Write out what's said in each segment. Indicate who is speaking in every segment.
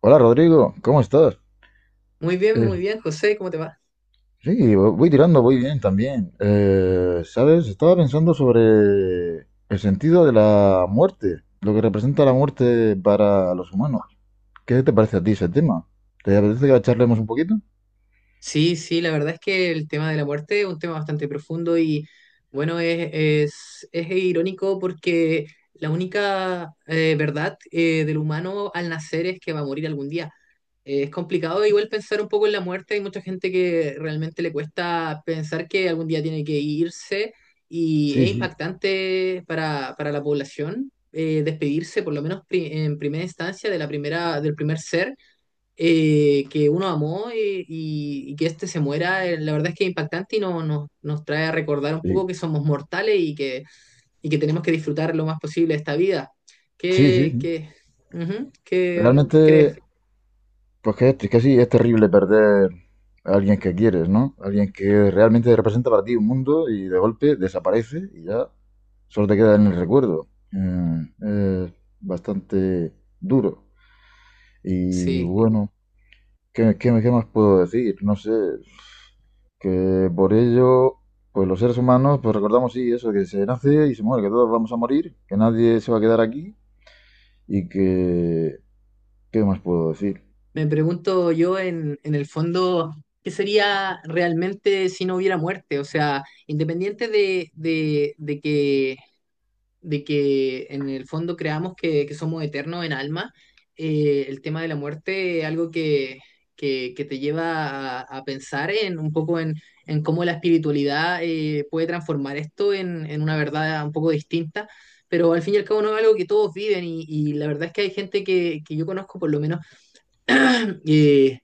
Speaker 1: Hola Rodrigo, ¿cómo estás? Eh,
Speaker 2: Muy bien, José, ¿cómo te va?
Speaker 1: sí, voy tirando, voy bien también. ¿Sabes? Estaba pensando sobre el sentido de la muerte, lo que representa la muerte para los humanos. ¿Qué te parece a ti ese tema? ¿Te apetece que charlemos un poquito?
Speaker 2: Sí, sí, la verdad es que el tema de la muerte es un tema bastante profundo y bueno, es irónico porque la única verdad del humano al nacer es que va a morir algún día. Es complicado igual pensar un poco en la muerte, hay mucha gente que realmente le cuesta pensar que algún día tiene que irse y
Speaker 1: Sí,
Speaker 2: es
Speaker 1: sí,
Speaker 2: impactante para la población despedirse, por lo menos en primera instancia, de la primera, del primer ser que uno amó y que este se muera, la verdad es que es impactante y no, nos trae a recordar un poco
Speaker 1: sí.
Speaker 2: que somos mortales y, que, y que tenemos que disfrutar lo más posible esta vida.
Speaker 1: Sí, sí,
Speaker 2: ¿Qué,
Speaker 1: sí.
Speaker 2: qué, ujú, qué
Speaker 1: Realmente.
Speaker 2: crees?
Speaker 1: Es que sí, es terrible perder a alguien que quieres, ¿no? Alguien que realmente representa para ti un mundo y de golpe desaparece y ya solo te queda en el recuerdo. Es bastante duro. Y
Speaker 2: Sí,
Speaker 1: bueno, ¿qué más puedo decir? No sé, que por ello, pues los seres humanos, pues recordamos, sí, eso, que se nace y se muere, que todos vamos a morir, que nadie se va a quedar aquí y que... ¿Qué más puedo decir?
Speaker 2: me pregunto yo en el fondo, ¿qué sería realmente si no hubiera muerte? O sea, independiente de que en el fondo creamos que somos eternos en alma, el tema de la muerte es algo que te lleva a pensar en un poco en cómo la espiritualidad puede transformar esto en una verdad un poco distinta. Pero al fin y al cabo no es algo que todos viven y la verdad es que hay gente que yo conozco por lo menos eh,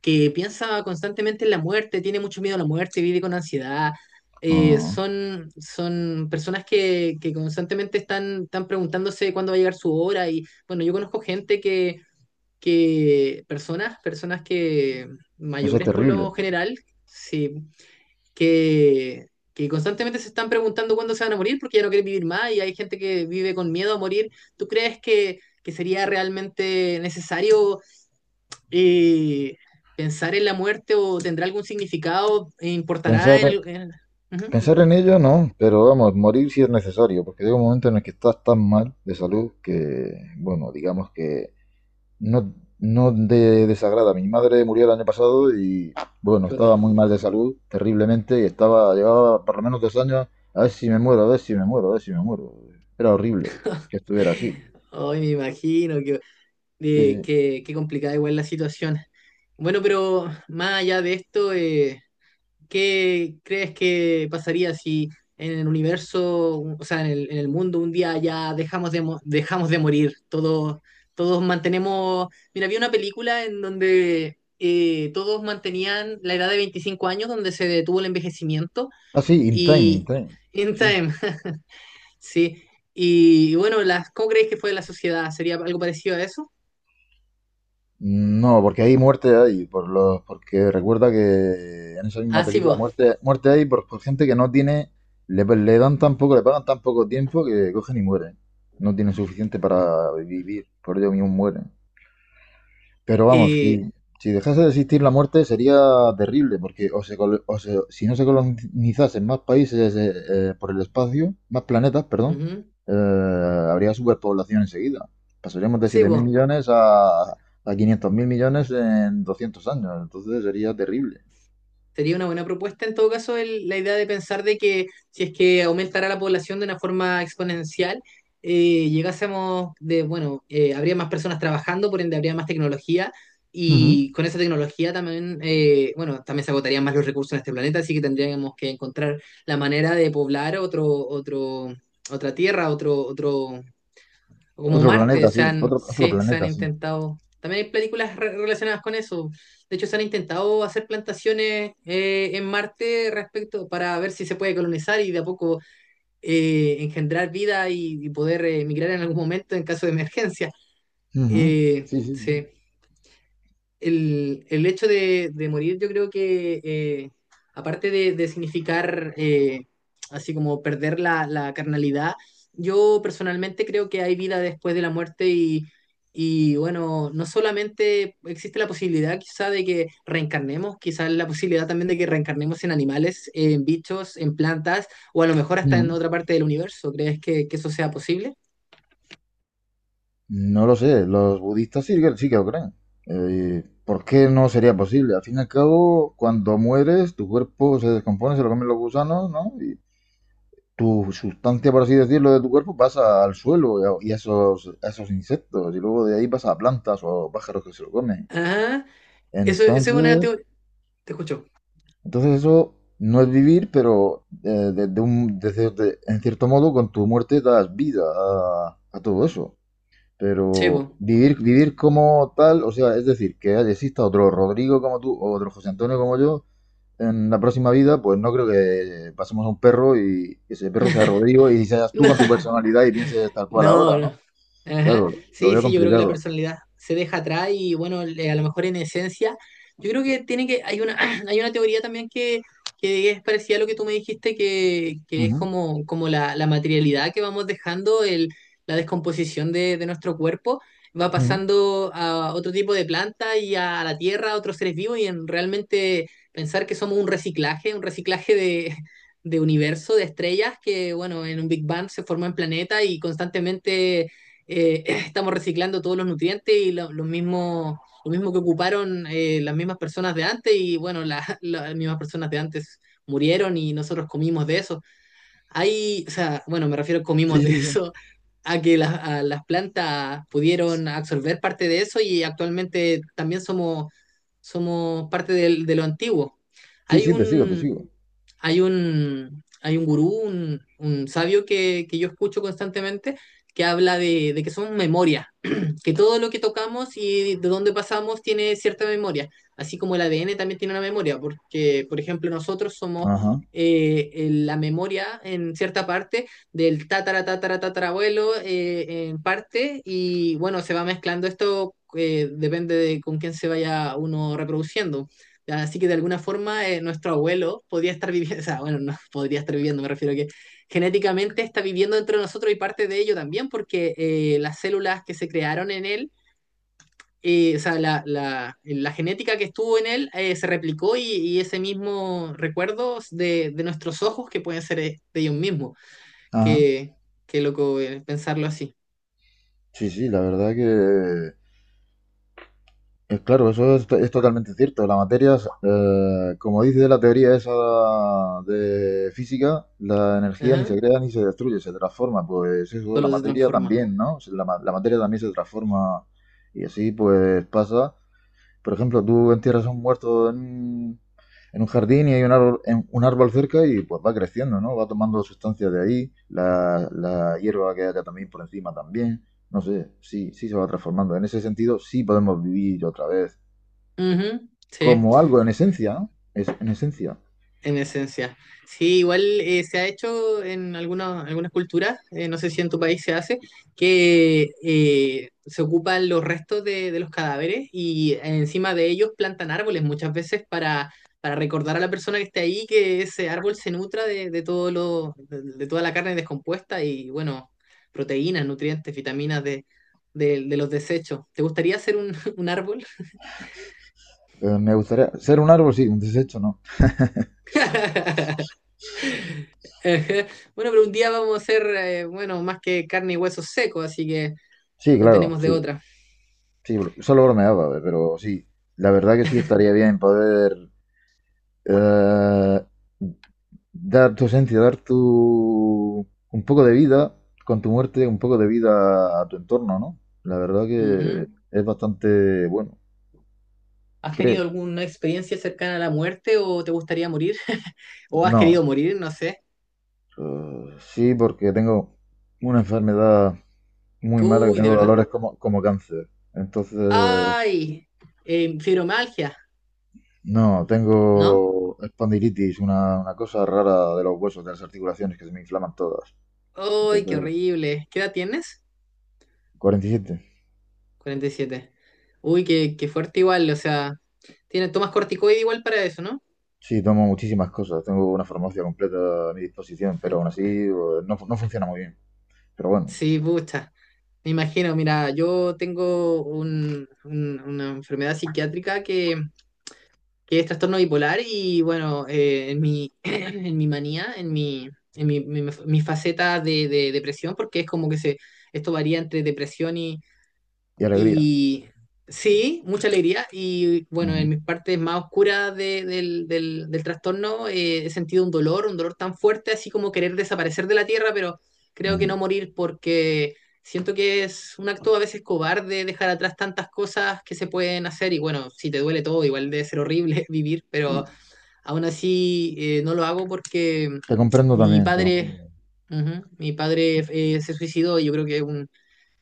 Speaker 2: que piensa constantemente en la muerte, tiene mucho miedo a la muerte, vive con ansiedad. Eh,
Speaker 1: Ah,
Speaker 2: son, son personas que constantemente están preguntándose cuándo va a llegar su hora. Y bueno, yo conozco gente que, personas, personas que
Speaker 1: eso es
Speaker 2: mayores por lo
Speaker 1: terrible.
Speaker 2: general, sí, que, que constantemente se están preguntando cuándo se van a morir porque ya no quieren vivir más y hay gente que vive con miedo a morir. ¿Tú crees que sería realmente necesario? eh, pensar en la muerte o tendrá algún significado, e
Speaker 1: Pensar,
Speaker 2: importará en el... Ujú.
Speaker 1: Pensar en ello no, pero vamos, morir si es necesario, porque llega un momento en el que estás tan mal de salud que, bueno, digamos que no, no de desagrada. Mi madre murió el año pasado y, bueno, estaba
Speaker 2: Chuta.
Speaker 1: muy mal de salud, terriblemente, y estaba, llevaba por lo menos 2 años, a ver si me muero, a ver si me muero, a ver si me muero. Era horrible que estuviera así.
Speaker 2: Ay, me imagino que,
Speaker 1: Sí, sí.
Speaker 2: qué complicada igual la situación. Bueno, pero más allá de esto, ¿qué crees que pasaría si en el universo, o sea, en en el mundo un día ya dejamos de dejamos de morir? Todos, todos mantenemos... Mira, había una película en donde todos mantenían la edad de 25 años, donde se detuvo el envejecimiento
Speaker 1: Ah, sí, in time, in
Speaker 2: y...
Speaker 1: time.
Speaker 2: In
Speaker 1: Sí.
Speaker 2: Time, sí. Y bueno, las, ¿cómo creéis que fue la sociedad? ¿Sería algo parecido a eso?
Speaker 1: No, porque hay muerte ahí, por los, porque recuerda que en esa misma
Speaker 2: Ah, sí,
Speaker 1: película
Speaker 2: vos.
Speaker 1: muerte, muerte hay por gente que no tiene, le dan tan poco, le pagan tan poco tiempo que cogen y mueren. No tienen suficiente para vivir, por ello mismo mueren. Pero vamos,
Speaker 2: Eh,
Speaker 1: si, si dejase de existir la muerte sería terrible, porque o se colo- o se- si no se colonizasen más países por el espacio, más planetas, perdón,
Speaker 2: ujú.
Speaker 1: habría superpoblación enseguida. Pasaríamos de
Speaker 2: Sí,
Speaker 1: siete mil
Speaker 2: vos.
Speaker 1: millones a 500 mil millones en 200 años, entonces sería terrible.
Speaker 2: Sería una buena propuesta en todo caso la idea de pensar de que si es que aumentara la población de una forma exponencial, habría más personas trabajando, por ende habría más tecnología
Speaker 1: Ujú.
Speaker 2: y con esa tecnología también, bueno, también se agotarían más los recursos en este planeta, así que tendríamos que encontrar la manera de poblar otra tierra, otro, como
Speaker 1: Otro
Speaker 2: Marte,
Speaker 1: planeta, sí, otro, otro
Speaker 2: se, se han
Speaker 1: planeta, sí.
Speaker 2: intentado. También hay películas relacionadas con eso. De hecho, se han intentado hacer plantaciones en Marte respecto para ver si se puede colonizar y de a poco engendrar vida y poder emigrar en algún momento en caso de emergencia.
Speaker 1: Ujú. Sí, sí, sí.
Speaker 2: Sí el hecho de morir yo creo que, de significar así como perder la carnalidad, yo personalmente creo que hay vida después de la muerte y bueno, no solamente existe la posibilidad quizá de que reencarnemos, quizás la posibilidad también de que reencarnemos en animales, en bichos, en plantas o a lo mejor hasta en
Speaker 1: Ujú.
Speaker 2: otra parte del universo. ¿Crees que eso sea posible?
Speaker 1: No lo sé, los budistas sí, sí que lo creen. ¿Por qué no sería posible? Al fin y al cabo, cuando mueres, tu cuerpo se descompone, se lo comen los gusanos, ¿no? Y tu sustancia, por así decirlo, de tu cuerpo pasa al suelo y a esos insectos, y luego de ahí pasa a plantas o a pájaros que se lo comen.
Speaker 2: Ah Eso es una...
Speaker 1: Entonces,
Speaker 2: te escucho.
Speaker 1: entonces eso no es vivir, pero de un- de cier- de- en cierto modo con tu muerte das vida a todo eso.
Speaker 2: Chevo.
Speaker 1: Pero vivir, vivir como tal, o sea, es decir, que exista otro Rodrigo como tú o otro José Antonio como yo en la próxima vida, pues no creo que pasemos a un perro y ese perro sea Rodrigo y seas tú con tu personalidad y pienses tal cual ahora,
Speaker 2: No,
Speaker 1: ¿no?
Speaker 2: no. Ajá.
Speaker 1: Claro, lo
Speaker 2: Sí,
Speaker 1: veo
Speaker 2: sí, yo creo que la
Speaker 1: complicado.
Speaker 2: personalidad se deja atrás y bueno, a lo mejor en esencia, yo creo que tiene que, hay una, hay una teoría también que es parecida a lo que tú me dijiste, que es
Speaker 1: Ujú,
Speaker 2: como, como la materialidad que vamos dejando, el, la descomposición de nuestro cuerpo, va
Speaker 1: ujú.
Speaker 2: pasando a otro tipo de planta y a, la tierra, a otros seres vivos, y en realmente pensar que somos un reciclaje de universo de estrellas que, bueno, en un Big Bang se formó en planeta y constantemente estamos reciclando todos los nutrientes y lo mismo que ocuparon las mismas personas de antes bueno, las mismas personas de antes murieron y nosotros comimos de eso. Hay, o sea, bueno, me refiero comimos
Speaker 1: Sí,
Speaker 2: de
Speaker 1: sí, sí.
Speaker 2: eso a que las a las plantas pudieron absorber parte de eso y actualmente también somos, somos parte de lo antiguo.
Speaker 1: Sí,
Speaker 2: Hay
Speaker 1: sí, te sigo, te
Speaker 2: un,
Speaker 1: sigo.
Speaker 2: Hay un gurú, un sabio que yo escucho constantemente, que habla de que son memorias que todo lo que tocamos y de dónde pasamos tiene cierta memoria, así como el ADN también tiene una memoria, porque, por ejemplo, nosotros somos
Speaker 1: Ajá,
Speaker 2: en la memoria en cierta parte del tatara, tatara, tatarabuelo en parte, y bueno, se va mezclando esto, depende de con quién se vaya uno reproduciendo. Así que de alguna forma nuestro abuelo podría estar viviendo, o sea, bueno, no podría estar viviendo, me refiero a que genéticamente está viviendo dentro de nosotros y parte de ello también, porque las células que se crearon en él, o sea, la genética que estuvo en él se replicó y ese mismo recuerdo de nuestros ojos que pueden ser de ellos mismos.
Speaker 1: ajá.
Speaker 2: Qué, qué loco pensarlo así.
Speaker 1: Sí, sí, la verdad que claro, eso es, es totalmente cierto. La materia, es, como dice la teoría esa de física, la energía ni se
Speaker 2: Ajá.
Speaker 1: crea ni se destruye, se transforma. Pues eso, la
Speaker 2: Solo se
Speaker 1: materia
Speaker 2: transforma.
Speaker 1: también, ¿no? La materia también se transforma y así pues pasa. Por ejemplo, tú entierras a un muerto en, en un jardín y hay un árbol, un árbol cerca y pues va creciendo, ¿no? Va tomando sustancias de ahí, la hierba que haya también por encima también. No sé, sí, sí se va transformando. En ese sentido, sí podemos vivir otra vez
Speaker 2: Ujú, sí.
Speaker 1: como algo en esencia, ¿no? Es, en esencia.
Speaker 2: En esencia. Sí, igual se ha hecho en algunas, algunas culturas, no sé si en tu país se hace, que se ocupan los restos de los cadáveres y encima de ellos plantan árboles muchas veces para recordar a la persona que esté ahí que ese árbol se nutra de todo lo, de toda la carne descompuesta y bueno, proteínas, nutrientes, vitaminas de, de los desechos. ¿Te gustaría hacer un árbol?
Speaker 1: Me gustaría ser un árbol, sí, un desecho, ¿no?
Speaker 2: Ajá. Bueno, pero un día vamos a hacer, bueno, más que carne y huesos secos, así que
Speaker 1: Sí,
Speaker 2: no
Speaker 1: claro,
Speaker 2: tenemos de
Speaker 1: sí.
Speaker 2: otra.
Speaker 1: Sí, solo bromeaba, pero sí. La verdad que sí estaría bien poder eh, dar tu esencia, dar tu un poco de vida, con tu muerte, un poco de vida a tu entorno, ¿no? La verdad que
Speaker 2: Ujú.
Speaker 1: es bastante bueno,
Speaker 2: ¿Has
Speaker 1: creo.
Speaker 2: tenido alguna experiencia cercana a la muerte o te gustaría morir? ¿O has
Speaker 1: No,
Speaker 2: querido morir? No sé.
Speaker 1: sí, porque tengo una enfermedad muy mala que
Speaker 2: Uy, de
Speaker 1: tengo
Speaker 2: verdad.
Speaker 1: dolores como, como cáncer. Entonces,
Speaker 2: ¡Ay! Fibromialgia,
Speaker 1: no, tengo
Speaker 2: ¿no?
Speaker 1: espondilitis, una cosa rara de los huesos, de las articulaciones que se me inflaman todas.
Speaker 2: ¡Ay, qué
Speaker 1: Entonces,
Speaker 2: horrible! ¿Qué edad tienes?
Speaker 1: 47.
Speaker 2: 47. Uy, qué fuerte igual, o sea, tienes, tomas corticoide igual para eso, ¿no?
Speaker 1: Sí, tomo muchísimas cosas. Tengo una farmacia completa a mi disposición, pero aún así no funciona muy bien. Pero bueno,
Speaker 2: Sí, pucha. Me imagino, mira, yo tengo una enfermedad psiquiátrica que es trastorno bipolar y bueno, en mi, en mi manía, mi faceta de depresión, porque es como que se, esto varía entre depresión
Speaker 1: y alegría.
Speaker 2: y sí, mucha alegría. Y bueno, en
Speaker 1: Ujú,
Speaker 2: mis partes más oscuras del trastorno he sentido un dolor tan fuerte, así como querer desaparecer de la tierra, pero creo que
Speaker 1: ujú.
Speaker 2: no morir porque siento que es un acto a veces cobarde dejar atrás tantas cosas que se pueden hacer. Y bueno, si te duele todo, igual debe ser horrible vivir, pero
Speaker 1: Sí.
Speaker 2: aún así no lo hago porque
Speaker 1: Te comprendo
Speaker 2: mi
Speaker 1: también, te
Speaker 2: padre,
Speaker 1: comprendo.
Speaker 2: ujú, mi padre se suicidó y yo creo que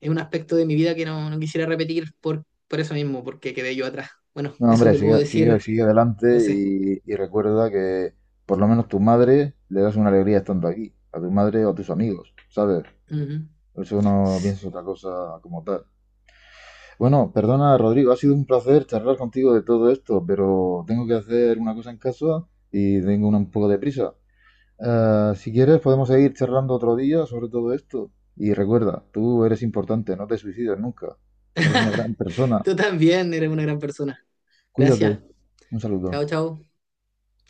Speaker 2: es un aspecto de mi vida que no, no quisiera repetir por eso mismo, porque quedé yo atrás. Bueno,
Speaker 1: No,
Speaker 2: eso
Speaker 1: hombre,
Speaker 2: te puedo
Speaker 1: sigue, sigue,
Speaker 2: decir,
Speaker 1: sigue adelante
Speaker 2: José.
Speaker 1: y recuerda que por lo menos tu madre le das una alegría estando aquí, a tu madre o a tus amigos, ¿sabes?
Speaker 2: Ujú.
Speaker 1: Por eso no pienses otra cosa como tal. Bueno, perdona, Rodrigo, ha sido un placer charlar contigo de todo esto, pero tengo que hacer una cosa en casa y tengo un poco de prisa. Si quieres, podemos seguir charlando otro día sobre todo esto. Y recuerda, tú eres importante, no te suicides nunca. Eres una gran persona.
Speaker 2: Tú también eres una gran persona.
Speaker 1: Cuídate.
Speaker 2: Gracias.
Speaker 1: Un saludo.
Speaker 2: Chao, chao.